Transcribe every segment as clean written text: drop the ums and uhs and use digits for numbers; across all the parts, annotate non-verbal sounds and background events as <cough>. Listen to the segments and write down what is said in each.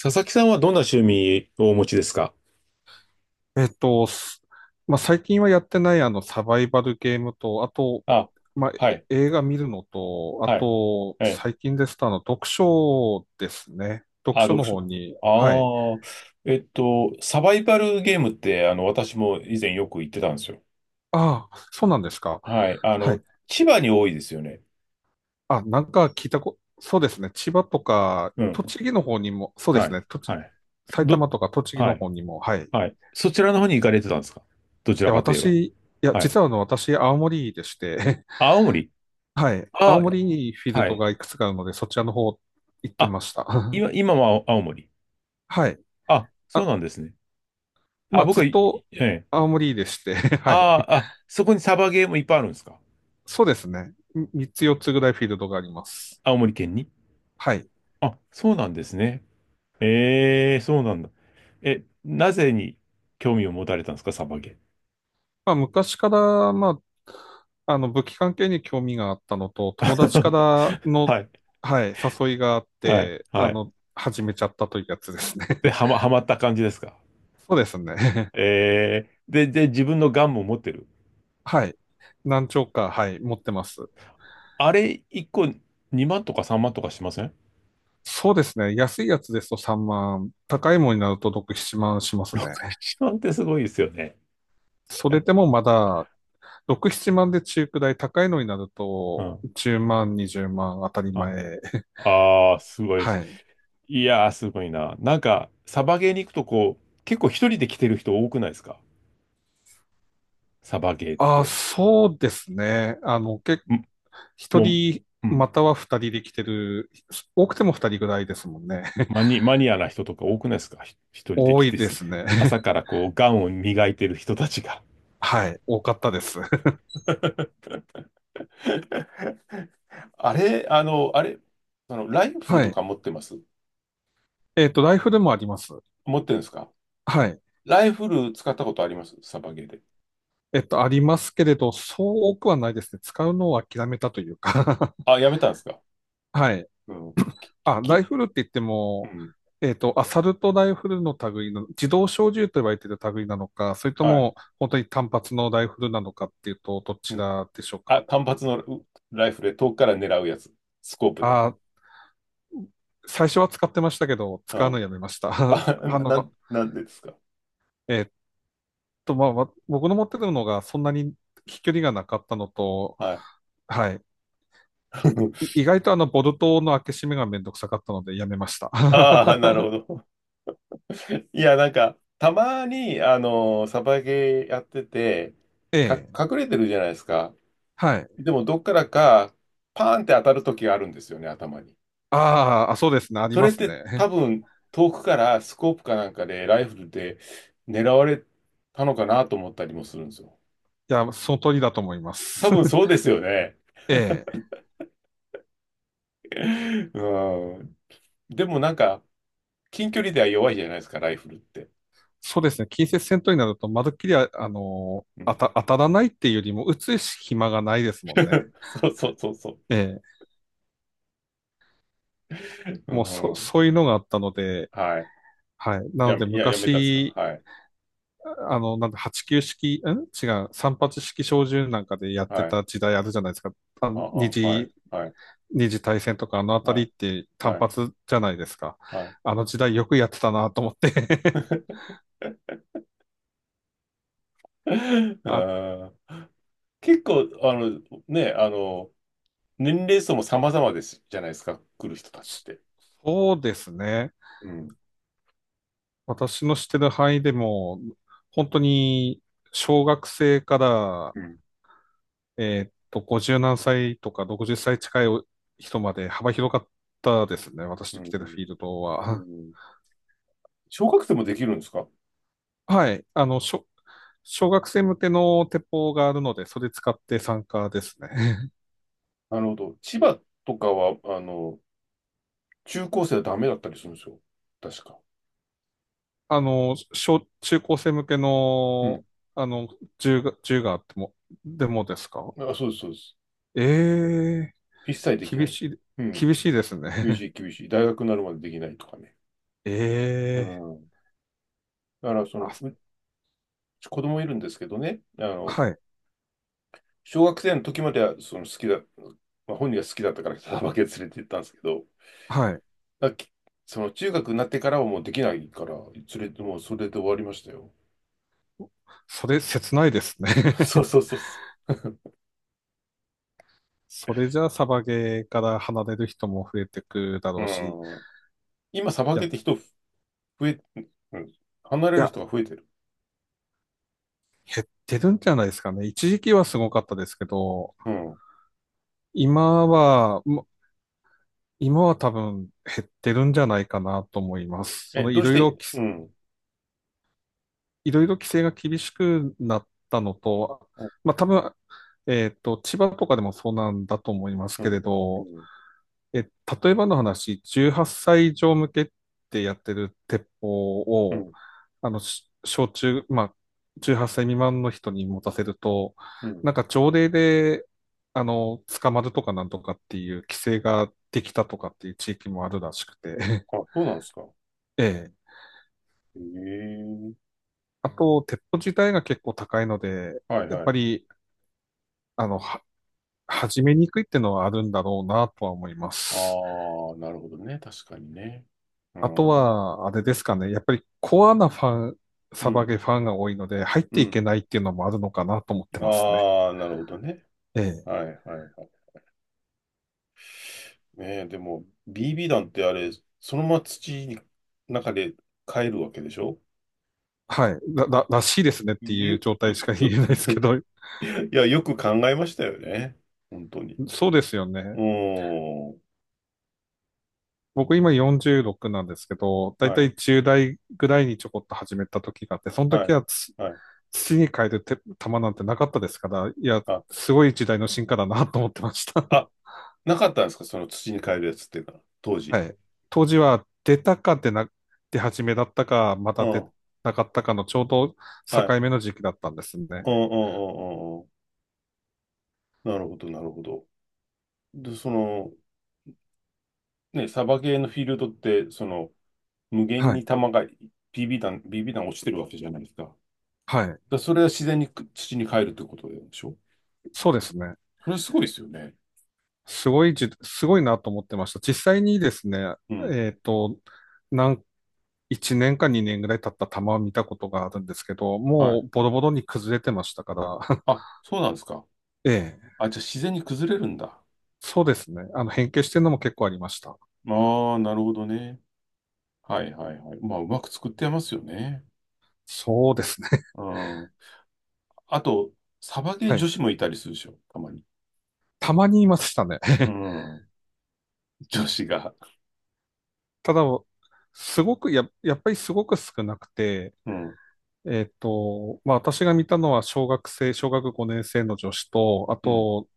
佐々木さんはどんな趣味をお持ちですか？えっと、すまあ、最近はやってないあのサバイバルゲームと、あと、あ、まあ、はい、映画見るのと、あはい、と、え最近ですとあの読書ですね。読あ、書読の書。方に、はい。ああ、サバイバルゲームって、私も以前よく行ってたんですよ。ああ、そうなんですか。はい、はい。千葉に多いですよね。あ、なんか聞いたこ、そうですね。千葉とか、うん、栃木の方にも、そうではすい、ね。はい。埼ど、玉とか栃木はのい、方にも、はい。いはい。そちらの方に行かれてたんですか？どちらや、かといえば。私、いや、はい。実はあの、私、青森でして、青森。はい。青あ、森にフィールはドい。がいくつかあるので、そちらの方行ってあ、ました。<laughs> 今は青森。はい。あ、そうあ、なんですね。まあ、あ、僕ずっは、いとええ。青森でして、<laughs> はい。ああ、あそこにサバゲームいっぱいあるんですか？そうですね。3つ4つぐらいフィールドがあります。青森県に？はい。あ、そうなんですね。ええ、そうなんだ。え、なぜに興味を持たれたんですか、サバゲまあ、昔から、まあ、あの、武器関係に興味があったのと、友達かー？ら <laughs> の、はい、はい、誘いがあっはい、て、あはい。の、始めちゃったというやつですね。で、<laughs> はまった感じですか。そうですね。ええ、で、自分のガンも持ってる。<laughs> はい。何丁か、はい、持ってます。あれ、1個2万とか3万とかしません？ そうですね。安いやつですと3万、高いものになると6、7万しますね。1 <laughs> 万ってすごいですよね。それでもまだ、6、7万で中くらい、高いのになるうと、ん。10万、20万当たりはい、前。ああ、すごいではす。い。いやー、すごいな。なんか、サバゲーに行くとこう、結構一人で来てる人多くないですか？サバゲーっああ、て。そうですね。あの、ん一も人、う、うん。または二人で来てる、多くても二人ぐらいですもんね。<laughs> マニアな人とか多くないですか？一人で多来いてですね。朝からこう、ガンを磨いてる人たちが。<laughs> はい。多かったです。<laughs> <laughs> あれ、あの、ライフルはとい。か持ってます？えっと、ライフルもあります。持ってるんですか？はい。ライフル使ったことあります？サバゲーで。えっと、ありますけれど、そう多くはないですね。使うのを諦めたというか。あ、やめたんですか？はい。うん。あ、ライき、フルって言ってうも、ん。えっと、アサルトライフルの類の、自動小銃と言われている類なのか、それとはい。も、本当に単発のライフルなのかっていうと、どうちん。らでしょうあ、か。単発のうライフルで遠くから狙うやつ。スコープで。あ、最初は使ってましたけど、う使うのん。やめました。<laughs> あ、あなの、んなんでですか？えっまあ、僕の持ってるのがそんなに飛距離がなかったのと、はい。はい。<laughs> 意外とあの、ボルトの開け閉めがめんどくさかったので、やめました。ああ、<laughs> なるほど。いや、なんか、たまに、あの、サバゲーやってて、ええ、隠れてるじゃないですか。はい。でも、どっからか、パーンって当たる時があるんですよね、頭に。あーあ、そうですね。ありそまれっすて、ね。多分、遠くからスコープかなんかで、ライフルで狙われたのかなと思ったりもするんですよ。いや、その通りだと思いま多す。分そうですよね。ええ、<laughs> うん。でも、なんか、近距離では弱いじゃないですか、ライフルって。そうですね。近接戦闘になると、まるっきりうん。 当たらないっていうよりも、打つ暇がないですもんね。<laughs> そうそうそうそう。ええ、うもうそ、ん、そういうのがあったので、はい。はい。なので、いや、やめたっすか。昔、はい。あの、なんだ、89式、ん違う、3発式小銃なんかでやってはい。た時代あるじゃないですか。あはのあ二はあ、はい、次、はい、二次大戦とか、あのあたはりっい、て単はい、発じゃないですか。はい。あの時代よくやってたなと思って。 <laughs> <laughs> あ、あー。結構、あの、ね、あの、年齢層も様々ですじゃないですか、来る人たちって。そうですね。うん、私の知ってる範囲でも、本当に小学生から、うん、えーっと、50何歳とか60歳近い人まで幅広かったですね。私うの来ん、てるフィールドうは。ん。小学生もできるんですか？はい。あの、小学生向けの鉄砲があるので、それ使って参加ですね。なるほど。千葉とかは、あの、中高生はダメだったりするんですよ。確か。<laughs> あの、中高生向けうん。の、あの、銃があっても、でもですか？あ、そうです、そうです。ええー。一切できな厳いでしす。い、うん。厳しいです厳ね。しい、厳しい。大学になるまでできないとかね。う <laughs> ええん。だから、そー、あ、の、うち子供いるんですけどね、あの、はい小学生の時まではその好きだ、まあ、本人が好きだったからサバけ連れて行ったんですけど、はい。だきその中学になってからはもうできないから、連れて、もうそれで終わりましたよ。それ、切ないですね。<laughs> そう <laughs> そうそうそそれじゃあ、サバゲーから離れる人も増えてくだう。ろうし、いうん。今、サバや、ゲーってい人増え、うん、離れるや、人が増えてる。減ってるんじゃないですかね。一時期はすごかったですけど、うん。今は、も今は多分減ってるんじゃないかなと思います。そえ、の、どうして、うん、いろいろ規制が厳しくなったのと、うん、まあ、多分、えっと、千葉とかでもそうなんだと思いますうけれん、うど、ん、え、例えばの話、18歳以上向けってやってる鉄砲うを、ん。あの、し小中、まあ、18歳未満の人に持たせると、うん、なんか条例で、あの、捕まるとかなんとかっていう規制ができたとかっていう地域もあるらしくて、<laughs> あ、そうなんですか。ええ。へえ。あと、鉄砲自体が結構高いので、はいやっはぱい。り、あの、は、始めにくいってのはあるんだろうなとは思いまあす。あ、なるほどね。確かにね。うあとん。うは、あれですかね。やっぱりコアなファン、サバん。ゲファンが多いので、入っうていん。けないっていうのもあるのかなと思ってますね。ああ、なるほどね。ええ。はいはいはい。ねえ、でも、BB 弾ってあれ、そのまま土の中で帰るわけでしょ？はい。らしいですねっていうゆ、状態しかう言う えないですけ <laughs> ど、いや、よく考えましたよね。本当に。そうですようね。ーん。僕今46なんですけど、だいはたい、い10代ぐらいにちょこっと始めた時があって、そのは時い、はつはい。土に変える球なんてなかったですから、いや、あ、すごい時代の進化だなと思ってました。あ、なかったんですかその土に帰るやつっていうのは、当時。はい。当時は出始めだったか、まうた出ん、なかったかのちょうどはい。境目の時期だったんですね。うん、うん、うん、うん。うん。なるほど、なるほど。で、その、ね、サバゲーのフィールドって、その、無限はにい。弾が、ビービー弾、BB 弾落ちてるわけじゃないですか。はい。それは自然に土に帰るということでしょ？そうですね。それはすごいですよね。すごいなと思ってました。実際にですね、うん。えっと、なん1年か2年ぐらい経った玉を見たことがあるんですけど、はもい。うボロボロに崩れてましたから、あ、そうなんですか。<laughs> ええ、あ、じゃあ自然に崩れるんだ。そうですね。あの、変形してるのも結構ありました。ああ、なるほどね。はいはいはい。まあ、うまく作ってますよね。そうですね。<laughs> うん。あと、サバゲーは女い。子もいたりするでしょ、たまに。<laughs> たまにいましたね。うん。女子が。ただ、すごくや、やっぱりすごく少なくて、うん。えっと、まあ私が見たのは小学5年生の女子と、あうん。と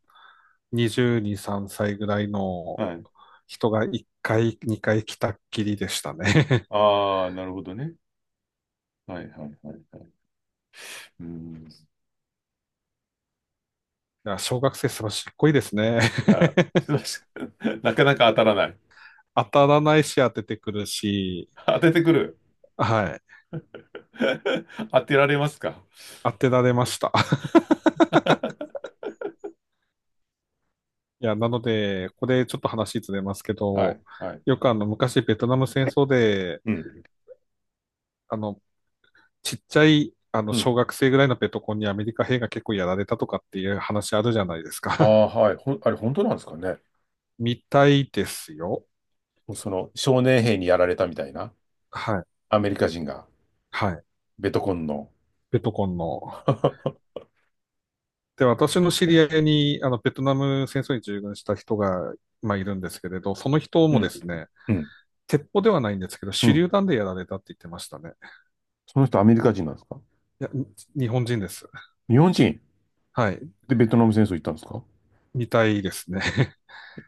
22、3歳ぐらいのはい。人が1回、2回来たっきりでしたね。ああ、なるほどね。はいはいはいはい。うん。<laughs> いや、小学生素晴らしっこいいですね。いや、すいません。<laughs> なかなか当たらない。<laughs> 当たらないし当ててくるし、当ててくる。はい。<laughs> 当てられますか？ 当てられました。<laughs> <laughs> いや、なので、これちょっと話ずれますけはど、い。はい。よくあの昔ベトナム戦争で、うん。あのちっちゃい、あの、うん。小学生ぐらいのペトコンにアメリカ兵が結構やられたとかっていう話あるじゃないですあか。あ、<laughs> はい。あれ、本当なんですかね。みたいですよ。その、少年兵にやられたみたいな、はい。アメリカ人が、はい。ベトコンの。ペトコンの。<laughs> で、私の知り合いに、あの、ベトナム戦争に従軍した人が、まあ、いるんですけれど、その人うもでん。すね、うん。鉄砲ではないんですけど、う手ん。榴弾でやられたって言ってましたね。その人、アメリカ人なんですか？いや、に日本人です。日本人はい。でベトナム戦争行ったんですか？みたいですね。<laughs>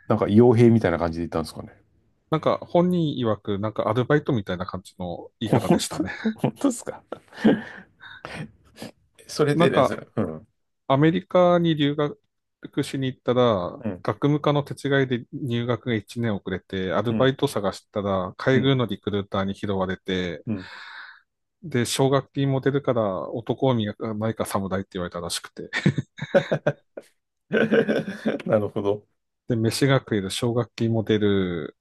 なんか、傭兵みたいな感じで行ったんですかね。なんか、本人曰く、なんかアルバイトみたいな感じの <laughs> 言い方で本した当、ね。本当ですか？それなでんですか、ね。うん。アメリカに留学しに行ったら、うん。学務課の手違いで入学が1年遅れて、アルうバイん。ト探したら、う海ん。軍のリクルーターに拾われて、うん。で、奨学金も出るから、男を磨かないか侍って言われたらしくて。<laughs> なるほど。で、飯が食える、奨学金も出る。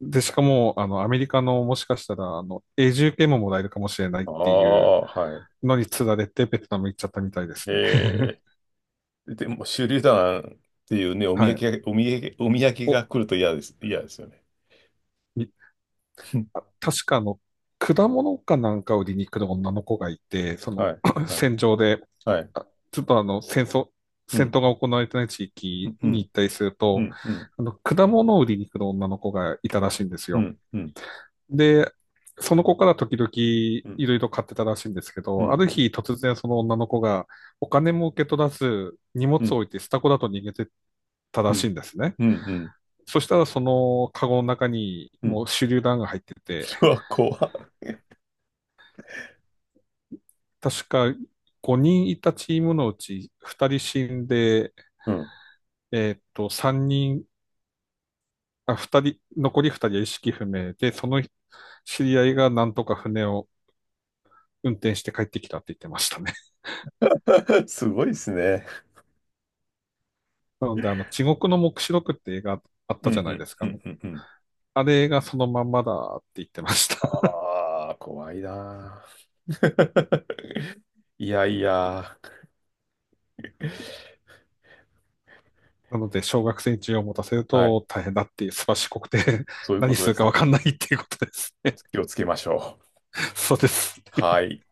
で、しかも、あの、アメリカのもしかしたら、あの、永住権ももらえるかもしれないっあていうあ、はい。のに釣られて、ベトナム行っちゃったみたいですね。<laughs> ええ。でも、手榴弾っていうね、お土はい。産が、お土産、お土産お、が来ると嫌です。嫌ですよね。みあ、確かあの、果物かなんかを売りに来る女の子がいて、そはの い、<clears throat> <laughs> はい、戦場で、はい。あちょっとあの、う戦ん、闘が行われてない地うん、域うにん、行ったりするうと、ん、うん、あの、果物を売りに来る女の子がいたらしいんですうよ。ん、うん、で、その子から時々いうん、ろいろ買ってたらしいんですけうど、あん、るうん、日突然その女の子がお金も受け取らず、荷物うをん、置いてスタコだと逃げてたうらしん、いんですね。うん、そしたらそのカゴの中にうん。もう手榴弾が入ってて、うわ、怖っ。確か5人いたチームのうち2人死んで、うん。えっと、3人、あ、2人、残り2人は意識不明で、その知り合いがなんとか船を運転して帰ってきたって言ってましたね。<laughs> <laughs> すごいですね。なので、あの、地獄の黙示録って映画あっうたん、じゃうないでん、すうか。ん、うん、うん。あれがそのまんまだって言ってました。<laughs> ああ、怖いなー。<laughs> いやいや。なので、小学生に銃を持たせるはい。と大変だっていう、すばしこくて <laughs>、そういうこ何とすでるかすわね。かんないっていうことですね。気をつけましょう。<laughs> そうです。はい。